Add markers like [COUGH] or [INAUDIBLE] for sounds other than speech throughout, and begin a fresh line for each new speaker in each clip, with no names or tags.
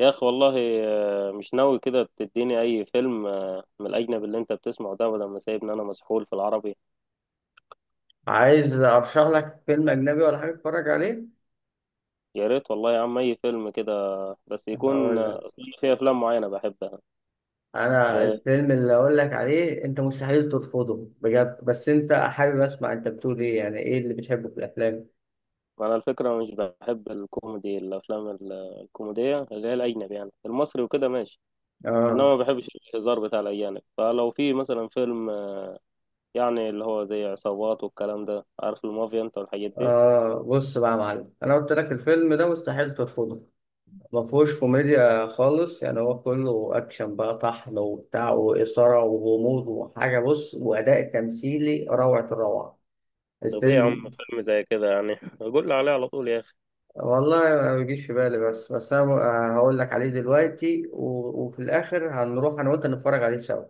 يا اخي والله. مش ناوي كده تديني اي فيلم، من الاجنبي اللي انت بتسمعه ده بدل ما سايبني انا مسحول في العربي.
عايز ارشح لك فيلم اجنبي ولا حاجه تتفرج عليه؟
يا ريت والله يا عم اي فيلم كده. بس يكون
هقول لك.
أصل أنا في افلام معينه بحبها.
انا
آه،
الفيلم اللي اقول لك عليه انت مستحيل ترفضه بجد، بس انت حابب اسمع انت بتقول ايه، يعني ايه اللي بتحبه في الافلام؟
انا الفكره مش بحب الكوميدي الافلام الكوميديه اللي هي الاجنبي يعني المصري وكده ماشي. انما
اه
ما بحبش الهزار بتاع الاجانب، فلو في مثلا فيلم، يعني اللي هو زي عصابات والكلام ده، عارف المافيا انت والحاجات دي.
اه بص بقى يا معلم، انا قلت لك الفيلم ده مستحيل ترفضه. ما فيهوش كوميديا خالص، يعني هو كله اكشن بقى طحن وبتاع واثاره وغموض وحاجه، بص، واداء تمثيلي روعه الروعه
طب ايه يا عم،
الفيلم.
فيلم زي كده يعني [LAUGHS] قول لي عليه على طول يا اخي.
والله ما بيجيش في بالي، بس انا ب- آه، هقول لك عليه دلوقتي وفي الاخر هنروح انا وانت نتفرج عليه سوا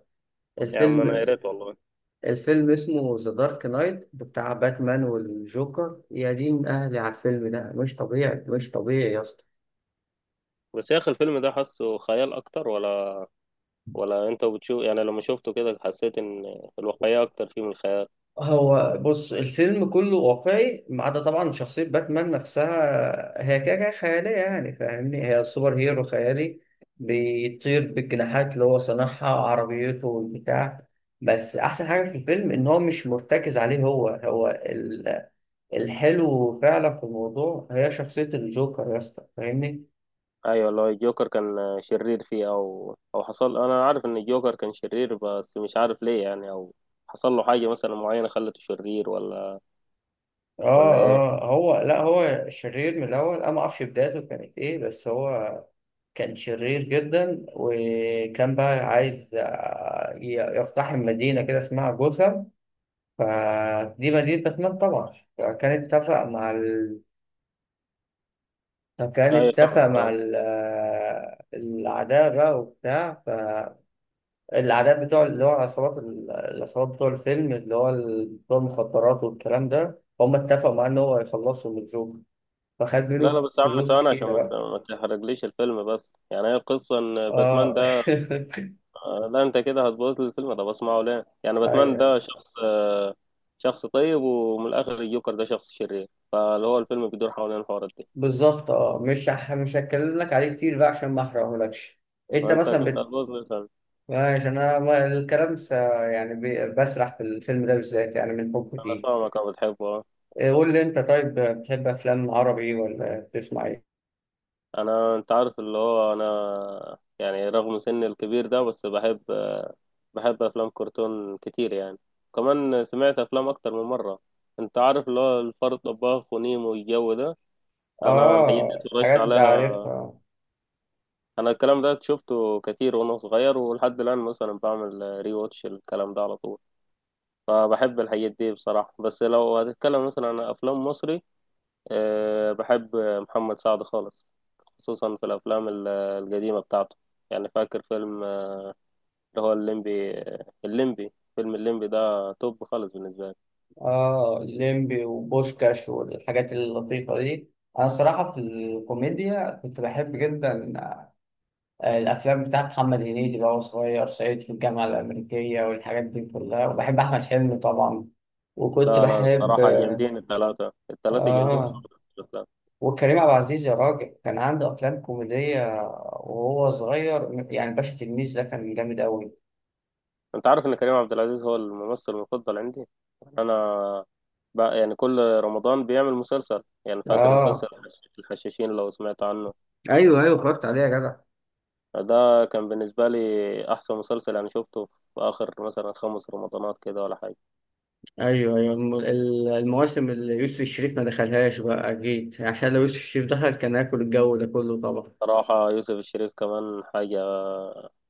يا عم انا يا
الفيلم.
ريت والله.
الفيلم اسمه ذا دارك نايت بتاع باتمان والجوكر، يا دين اهلي على الفيلم ده، مش طبيعي مش طبيعي يا اسطى.
بس يا اخي الفيلم ده حاسه خيال اكتر ولا ولا انت بتشوف، يعني لما شفته كده حسيت ان الواقعية اكتر فيه من الخيال؟
هو بص، الفيلم كله واقعي ما عدا طبعا شخصية باتمان نفسها، هي كده كده خيالية يعني، فاهمني، هي سوبر هيرو خيالي بيطير بالجناحات اللي هو صنعها، عربيته والبتاع. بس أحسن حاجة في الفيلم إن هو مش مرتكز عليه الحلو فعلا في الموضوع هي شخصية الجوكر يا اسطى، فاهمني.
ايوه والله الجوكر كان شرير فيه او او حصل، انا عارف ان الجوكر كان شرير بس مش عارف ليه، يعني او حصل له حاجة مثلا معينة خلته شرير ولا ولا
اه
ايه؟
اه هو لا، هو شرير من الأول، أنا ما أعرفش بدايته كانت إيه، بس هو كان شرير جدا وكان بقى عايز يقتحم مدينة كده اسمها جوثام، فدي مدينة باتمان طبعا. فكان
ايوه
اتفق
فاهمك
مع
اه.
ال... آه، الأعداء بقى وبتاع. فالأعداء بتوع اللي هو العصابات، العصابات بتوع الفيلم اللي هو بتوع المخدرات والكلام ده، هم اتفقوا معاه إن هو يخلصهم من الجوكر، فخد
لا
منه
لا بس يا عم
فلوس
ثواني عشان
كتيرة بقى.
ما تحرقليش الفيلم، بس يعني هي القصة ان باتمان
اه.
ده، لا انت كده هتبوظ لي الفيلم، ده بسمعه ليه؟ يعني
[LAUGHS]
باتمان
أيوة.
ده شخص، شخص طيب ومن الاخر الجوكر ده شخص شرير، فاللي هو الفيلم بيدور حوالين الحوارات دي.
بالظبط. اه مش هتكلم لك عليه كتير بقى عشان ما احرقهولكش. انت
وانت
مثلا
كنت
بت...
هتبوظ مثلا.
عشان انا ما- الكلام س... يعني ب... بسرح في الفيلم ده بالذات يعني من حبي
انا
فيه.
فاهمك، انا بتحبه آه.
إيه، قول لي انت طيب، بتحب افلام عربي ولا بتسمع ايه؟
انا انت عارف اللي هو انا يعني رغم سني الكبير ده بس بحب، بحب افلام كرتون كتير يعني. كمان سمعت افلام اكتر من مره. انت عارف اللي هو الفار الطباخ ونيمو والجو ده، انا الحاجات دي
اه
اتفرجت
حاجات ده
عليها.
عارفها.
انا الكلام ده شفته كتير وانا صغير، ولحد الان مثلا بعمل ري واتش الكلام ده على طول. فبحب الحاجات دي بصراحة، بس لو هتتكلم مثلا عن أفلام مصري، أه بحب محمد سعد خالص، خصوصا في الأفلام القديمة بتاعته. يعني فاكر فيلم، اللي هو الليمبي، الليمبي، فيلم الليمبي ده توب خالص بالنسبة لي.
اه ليمبي وبوشكاش والحاجات اللطيفة دي، انا الصراحة في الكوميديا كنت بحب جدا الافلام بتاعت محمد هنيدي اللي هو صغير صعيدي في الجامعه الامريكيه والحاجات دي كلها، وبحب احمد حلمي طبعا. وكنت
لا لا
بحب،
بصراحة جامدين، التلاتة جامدين
اه،
خالص في الأفلام.
وكريم عبد العزيز يا راجل، كان عنده افلام كوميديه وهو صغير، يعني باشا تلميذ ده كان جامد قوي.
أنت عارف إن كريم عبد العزيز هو الممثل المفضل عندي. يعني أنا بقى يعني كل رمضان بيعمل مسلسل، يعني فاكر مسلسل
اه
الحشاشين لو سمعت عنه؟
ايوه ايوه، اتفرجت عليه يا جدع.
ده كان بالنسبة لي أحسن مسلسل أنا شفته في آخر مثلا خمس رمضانات كده ولا حاجة.
ايوه ايوه، المواسم اللي يوسف الشريف ما دخلهاش بقى اكيد، عشان لو يوسف الشريف دخل كان هياكل الجو ده كله طبعا.
صراحة يوسف الشريف كمان حاجة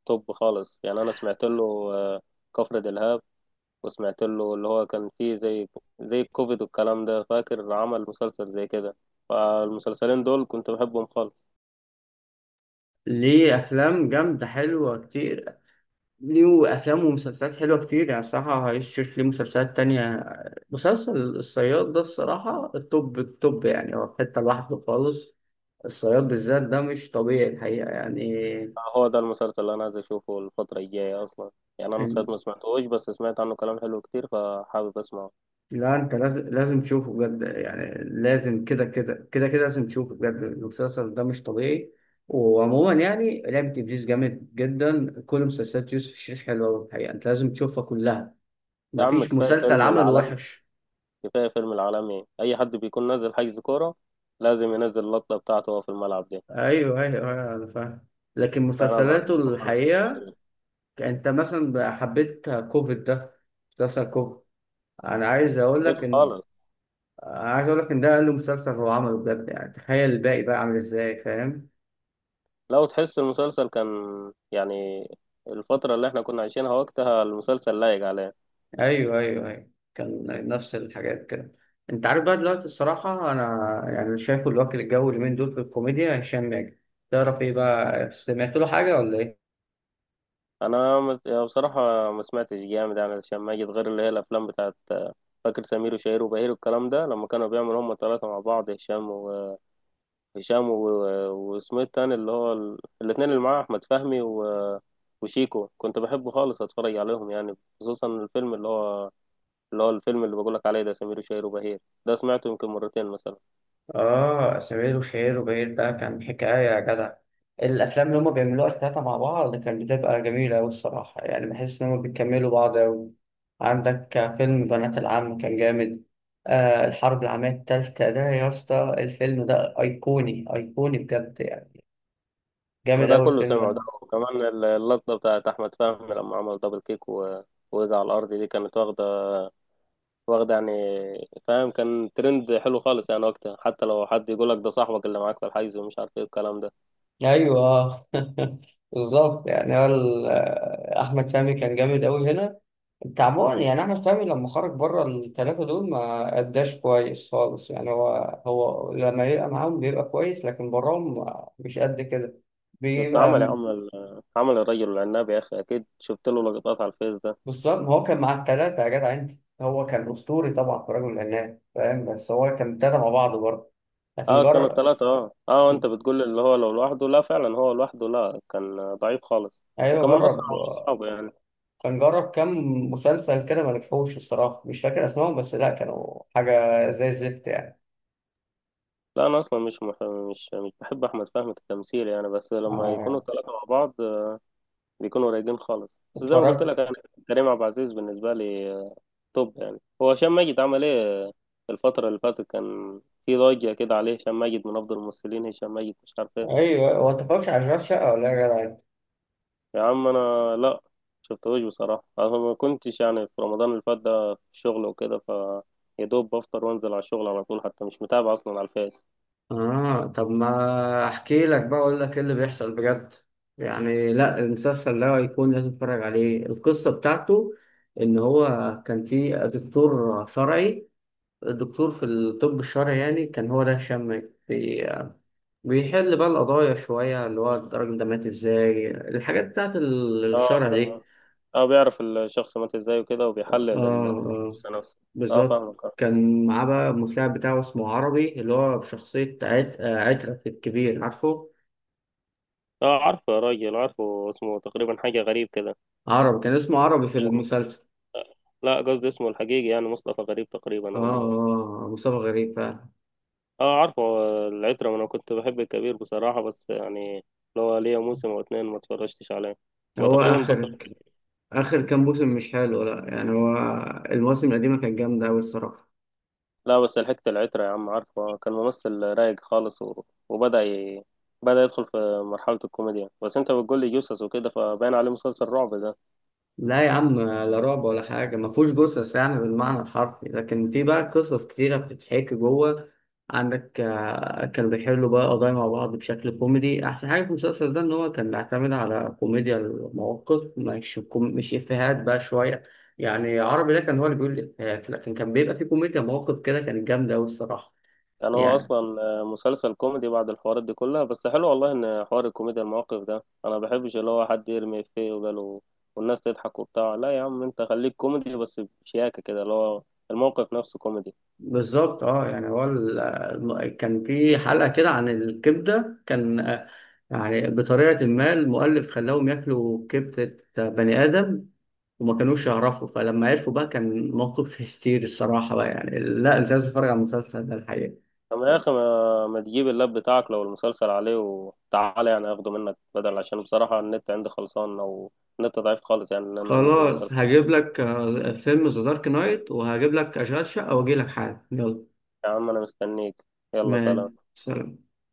توب خالص، يعني أنا سمعت له آه، كفر دلهاب، وسمعت له اللي هو كان فيه زي زي الكوفيد والكلام ده، فاكر عمل مسلسل زي كده. فالمسلسلين دول كنت بحبهم خالص.
ليه افلام جامده حلوه كتير، ليه أفلام ومسلسلات حلوة كتير، يعني الصراحة هيشوف ليه مسلسلات تانية. مسلسل الصياد ده الصراحة التوب التوب، يعني هو في حتة لوحده خالص، الصياد بالذات ده مش طبيعي الحقيقة يعني.
هو ده المسلسل اللي أنا عايز أشوفه الفترة الجاية أصلا، يعني أنا ساعات
إن-
ما سمعتهوش بس سمعت عنه كلام حلو كتير فحابب أسمعه.
لا أنت لازم تشوفه بجد، يعني لازم كده لازم تشوفه بجد، المسلسل ده مش طبيعي. وعموما يعني لعبة إبليس جامد جدا، كل مسلسلات يوسف الشريف حلوة الحقيقة، أنت لازم تشوفها كلها،
يا عم
مفيش
كفاية
مسلسل
فيلم
عمله
العالمي،
وحش.
كفاية فيلم العالمي، أي حد بيكون نازل حجز كورة لازم ينزل اللقطة بتاعته وهو في الملعب دي.
ايوه أيوة، انا فاهم. لكن
أنا
مسلسلاته
بحبه خالص يوسف
الحقيقه،
شاهين.
انت مثلا بقى حبيت كوفيد ده، مسلسل كوفيد؟ انا عايز اقول
حبيته
لك ان
خالص،
عايز اقول لك ان ده اقل مسلسل هو عمله بجد، يعني تخيل الباقي بقى عامل ازاي فاهم.
لو تحس المسلسل كان يعني الفترة اللي احنا كنا عايشينها وقتها المسلسل لايق عليه.
ايوه، كان نفس الحاجات كده. انت عارف بقى دلوقتي الصراحه، انا يعني شايفه الوكيل الجوي اليومين دول في الكوميديا، هشام ماجد، تعرف ايه بقى، سمعت له حاجه ولا؟
يعني بصراحة ما سمعتش جامد، يعني عشان ما أجي غير اللي هي الأفلام بتاعت، فاكر سمير وشهير وبهير والكلام ده لما كانوا بيعملوا هما التلاتة مع بعض، هشام، واسمه التاني اللي هو الاتنين اللي معاه أحمد فهمي وشيكو، كنت بحبه خالص أتفرج عليهم يعني، خصوصا الفيلم اللي هو، اللي هو الفيلم اللي بقولك عليه ده سمير وشهير وبهير ده سمعته يمكن مرتين مثلا.
آه سمير وشهير وبهير ده كان حكاية يا جدع، الأفلام اللي هما بيعملوها التلاتة مع بعض كانت بتبقى جميلة أوي الصراحة، يعني بحس إن هما بيكملوا بعض أوي. عندك فيلم بنات العم كان جامد، آه الحرب العالمية التالتة ده يا اسطى، الفيلم ده أيقوني أيقوني بجد يعني،
ما
جامد
ده
أوي
كله
الفيلم
سمعه، ده
ده.
وكمان اللقطة بتاعت أحمد فهمي لما عمل دبل كيك ووقع على الأرض دي، كانت واخدة، واخدة يعني فاهم، كان ترند حلو خالص يعني وقتها، حتى لو حد يقولك ده صاحبك اللي معاك في الحيز ومش عارف ايه الكلام ده.
أيوه. [LAUGHS] بالظبط، يعني هو أحمد فهمي كان جامد أوي هنا، تعبان يعني، احمد فهمي لما خرج بره الثلاثه دول ما اداش كويس خالص يعني، هو هو لما يبقى معاهم بيبقى كويس لكن براهم مش قد كده،
بس
بيبقى م-
عمل الرجل العناب يا اخي، اكيد شفت له لقطات على الفيس ده.
بالظبط. ما هو كان مع الثلاثه يا جدع انت، هو كان اسطوري طبعا في رجل العناب فاهم، بس هو كان ابتدى مع بعض برضه لكن
اه كانوا
جرب.
ثلاثة، اه اه انت بتقول اللي هو لو لوحده، لا فعلا هو لوحده لا كان ضعيف خالص.
ايوه
وكمان اصلا
جرب،
على اصحابه يعني.
كان جرب كام مسلسل كده ما نجحوش الصراحه، مش فاكر اسمائهم، بس لا كانوا حاجه زي الزفت يعني.
لا انا اصلا مش مح... مش مش بحب احمد فهمي كتمثيل يعني، بس لما يكونوا
آه،
ثلاثة مع بعض، بيكونوا رايقين خالص، بس زي ما قلت
اتفرجت.
لك يعني كريم عبد العزيز بالنسبة لي، توب، يعني هو هشام ماجد عمل ايه؟ الفترة اللي فاتت كان في ضجة كده عليه، هشام ماجد من افضل الممثلين، هشام ماجد مش عارف.
ايوه، هو انت متفرجش على اشغال شقه ولا ايه يا جدع؟
يا عم انا لا شفتوش بصراحه، انا ما كنتش يعني في رمضان اللي فات ده في الشغل وكده، ف يا دوب بفطر وانزل على الشغل على طول، حتى مش متابع اصلا على الفيس.
اه، طب ما احكي لك بقى اقول لك ايه اللي بيحصل بجد، يعني لا المسلسل ده هيكون لازم تتفرج عليه. القصة بتاعته ان هو كان في دكتور شرعي، الدكتور في الطب الشرعي يعني كان هو ده هشام، بي- بيحل بقى القضايا شوية، اللي هو الراجل ده مات ازاي، الحاجات بتاعت
اه
الشرع
لا،
دي.
اه بيعرف الشخص مات ازاي وكده
اه
وبيحلل
اه
الجثه نفسه. اه
بالظبط،
فاهمك اه.
كان معاه بقى المساعد بتاعه اسمه عربي اللي هو بشخصية عت... آه، عترة الكبير، عارفه؟
عارفه يا راجل، عارفه، اسمه تقريبا حاجه غريب كده.
عربي كان اسمه عربي في المسلسل.
لا قصدي اسمه الحقيقي يعني، مصطفى غريب
اه
تقريبا او.
مصطفى غريب فعلا.
اه عارفه، العترة انا كنت بحب الكبير بصراحة، بس يعني لو ليا موسم او اتنين ما اتفرجتش عليه، هو
هو
تقريبا بطل.
آخر، آخر كام موسم مش حلو، لا يعني هو المواسم القديمة كانت جامدة أوي الصراحة.
لا بس لحقت العترة يا عم، عارفه كان ممثل رايق خالص وبدأ بدأ يدخل في مرحلة الكوميديا، بس انت بتقول لي جثث وكده فباين عليه مسلسل رعب ده.
لا يا عم، لا رعب ولا حاجة، ما فيهوش قصص يعني بالمعنى الحرفي، لكن في بقى قصص كتيرة بتتحكي جوه. عندك كانوا بيحلوا بقى قضايا مع بعض بشكل كوميدي، أحسن حاجة في المسلسل ده إن هو كان بيعتمد على كوميديا المواقف، مش مش إفيهات بقى شوية، يعني عربي ده كان هو اللي بيقول الإفيهات، لكن كان بيبقى فيه كوميديا مواقف كده كانت جامدة أوي الصراحة
يعني هو
يعني.
اصلا مسلسل كوميدي بعد الحوارات دي كلها؟ بس حلو والله ان حوار الكوميديا المواقف ده، انا بحبش اللي هو حد يرمي افيه وقاله والناس تضحك وبتاع، لا يا عم انت خليك كوميدي بس بشياكة كده، اللي هو الموقف نفسه كوميدي.
بالظبط اه، يعني هو كان في حلقة كده عن الكبدة، كان يعني بطريقة ما المؤلف خلاهم ياكلوا كبدة بني آدم وما كانوش يعرفوا، فلما عرفوا بقى كان موقف هستيري الصراحة بقى، يعني لا انت لازم تتفرج على المسلسل ده الحقيقة.
طب يا اخي ما تجيب اللاب بتاعك لو المسلسل عليه وتعالى، يعني اخده منك بدل، عشان بصراحة النت عندي خلصان او النت ضعيف خالص يعني ان انا انزل
خلاص
مسلسل.
هجيب لك فيلم ذا دارك نايت وهجيب لك أشغال شقة وأجي لك حالا، يلا.
يا عم انا مستنيك، يلا
ما
سلام.
سلام.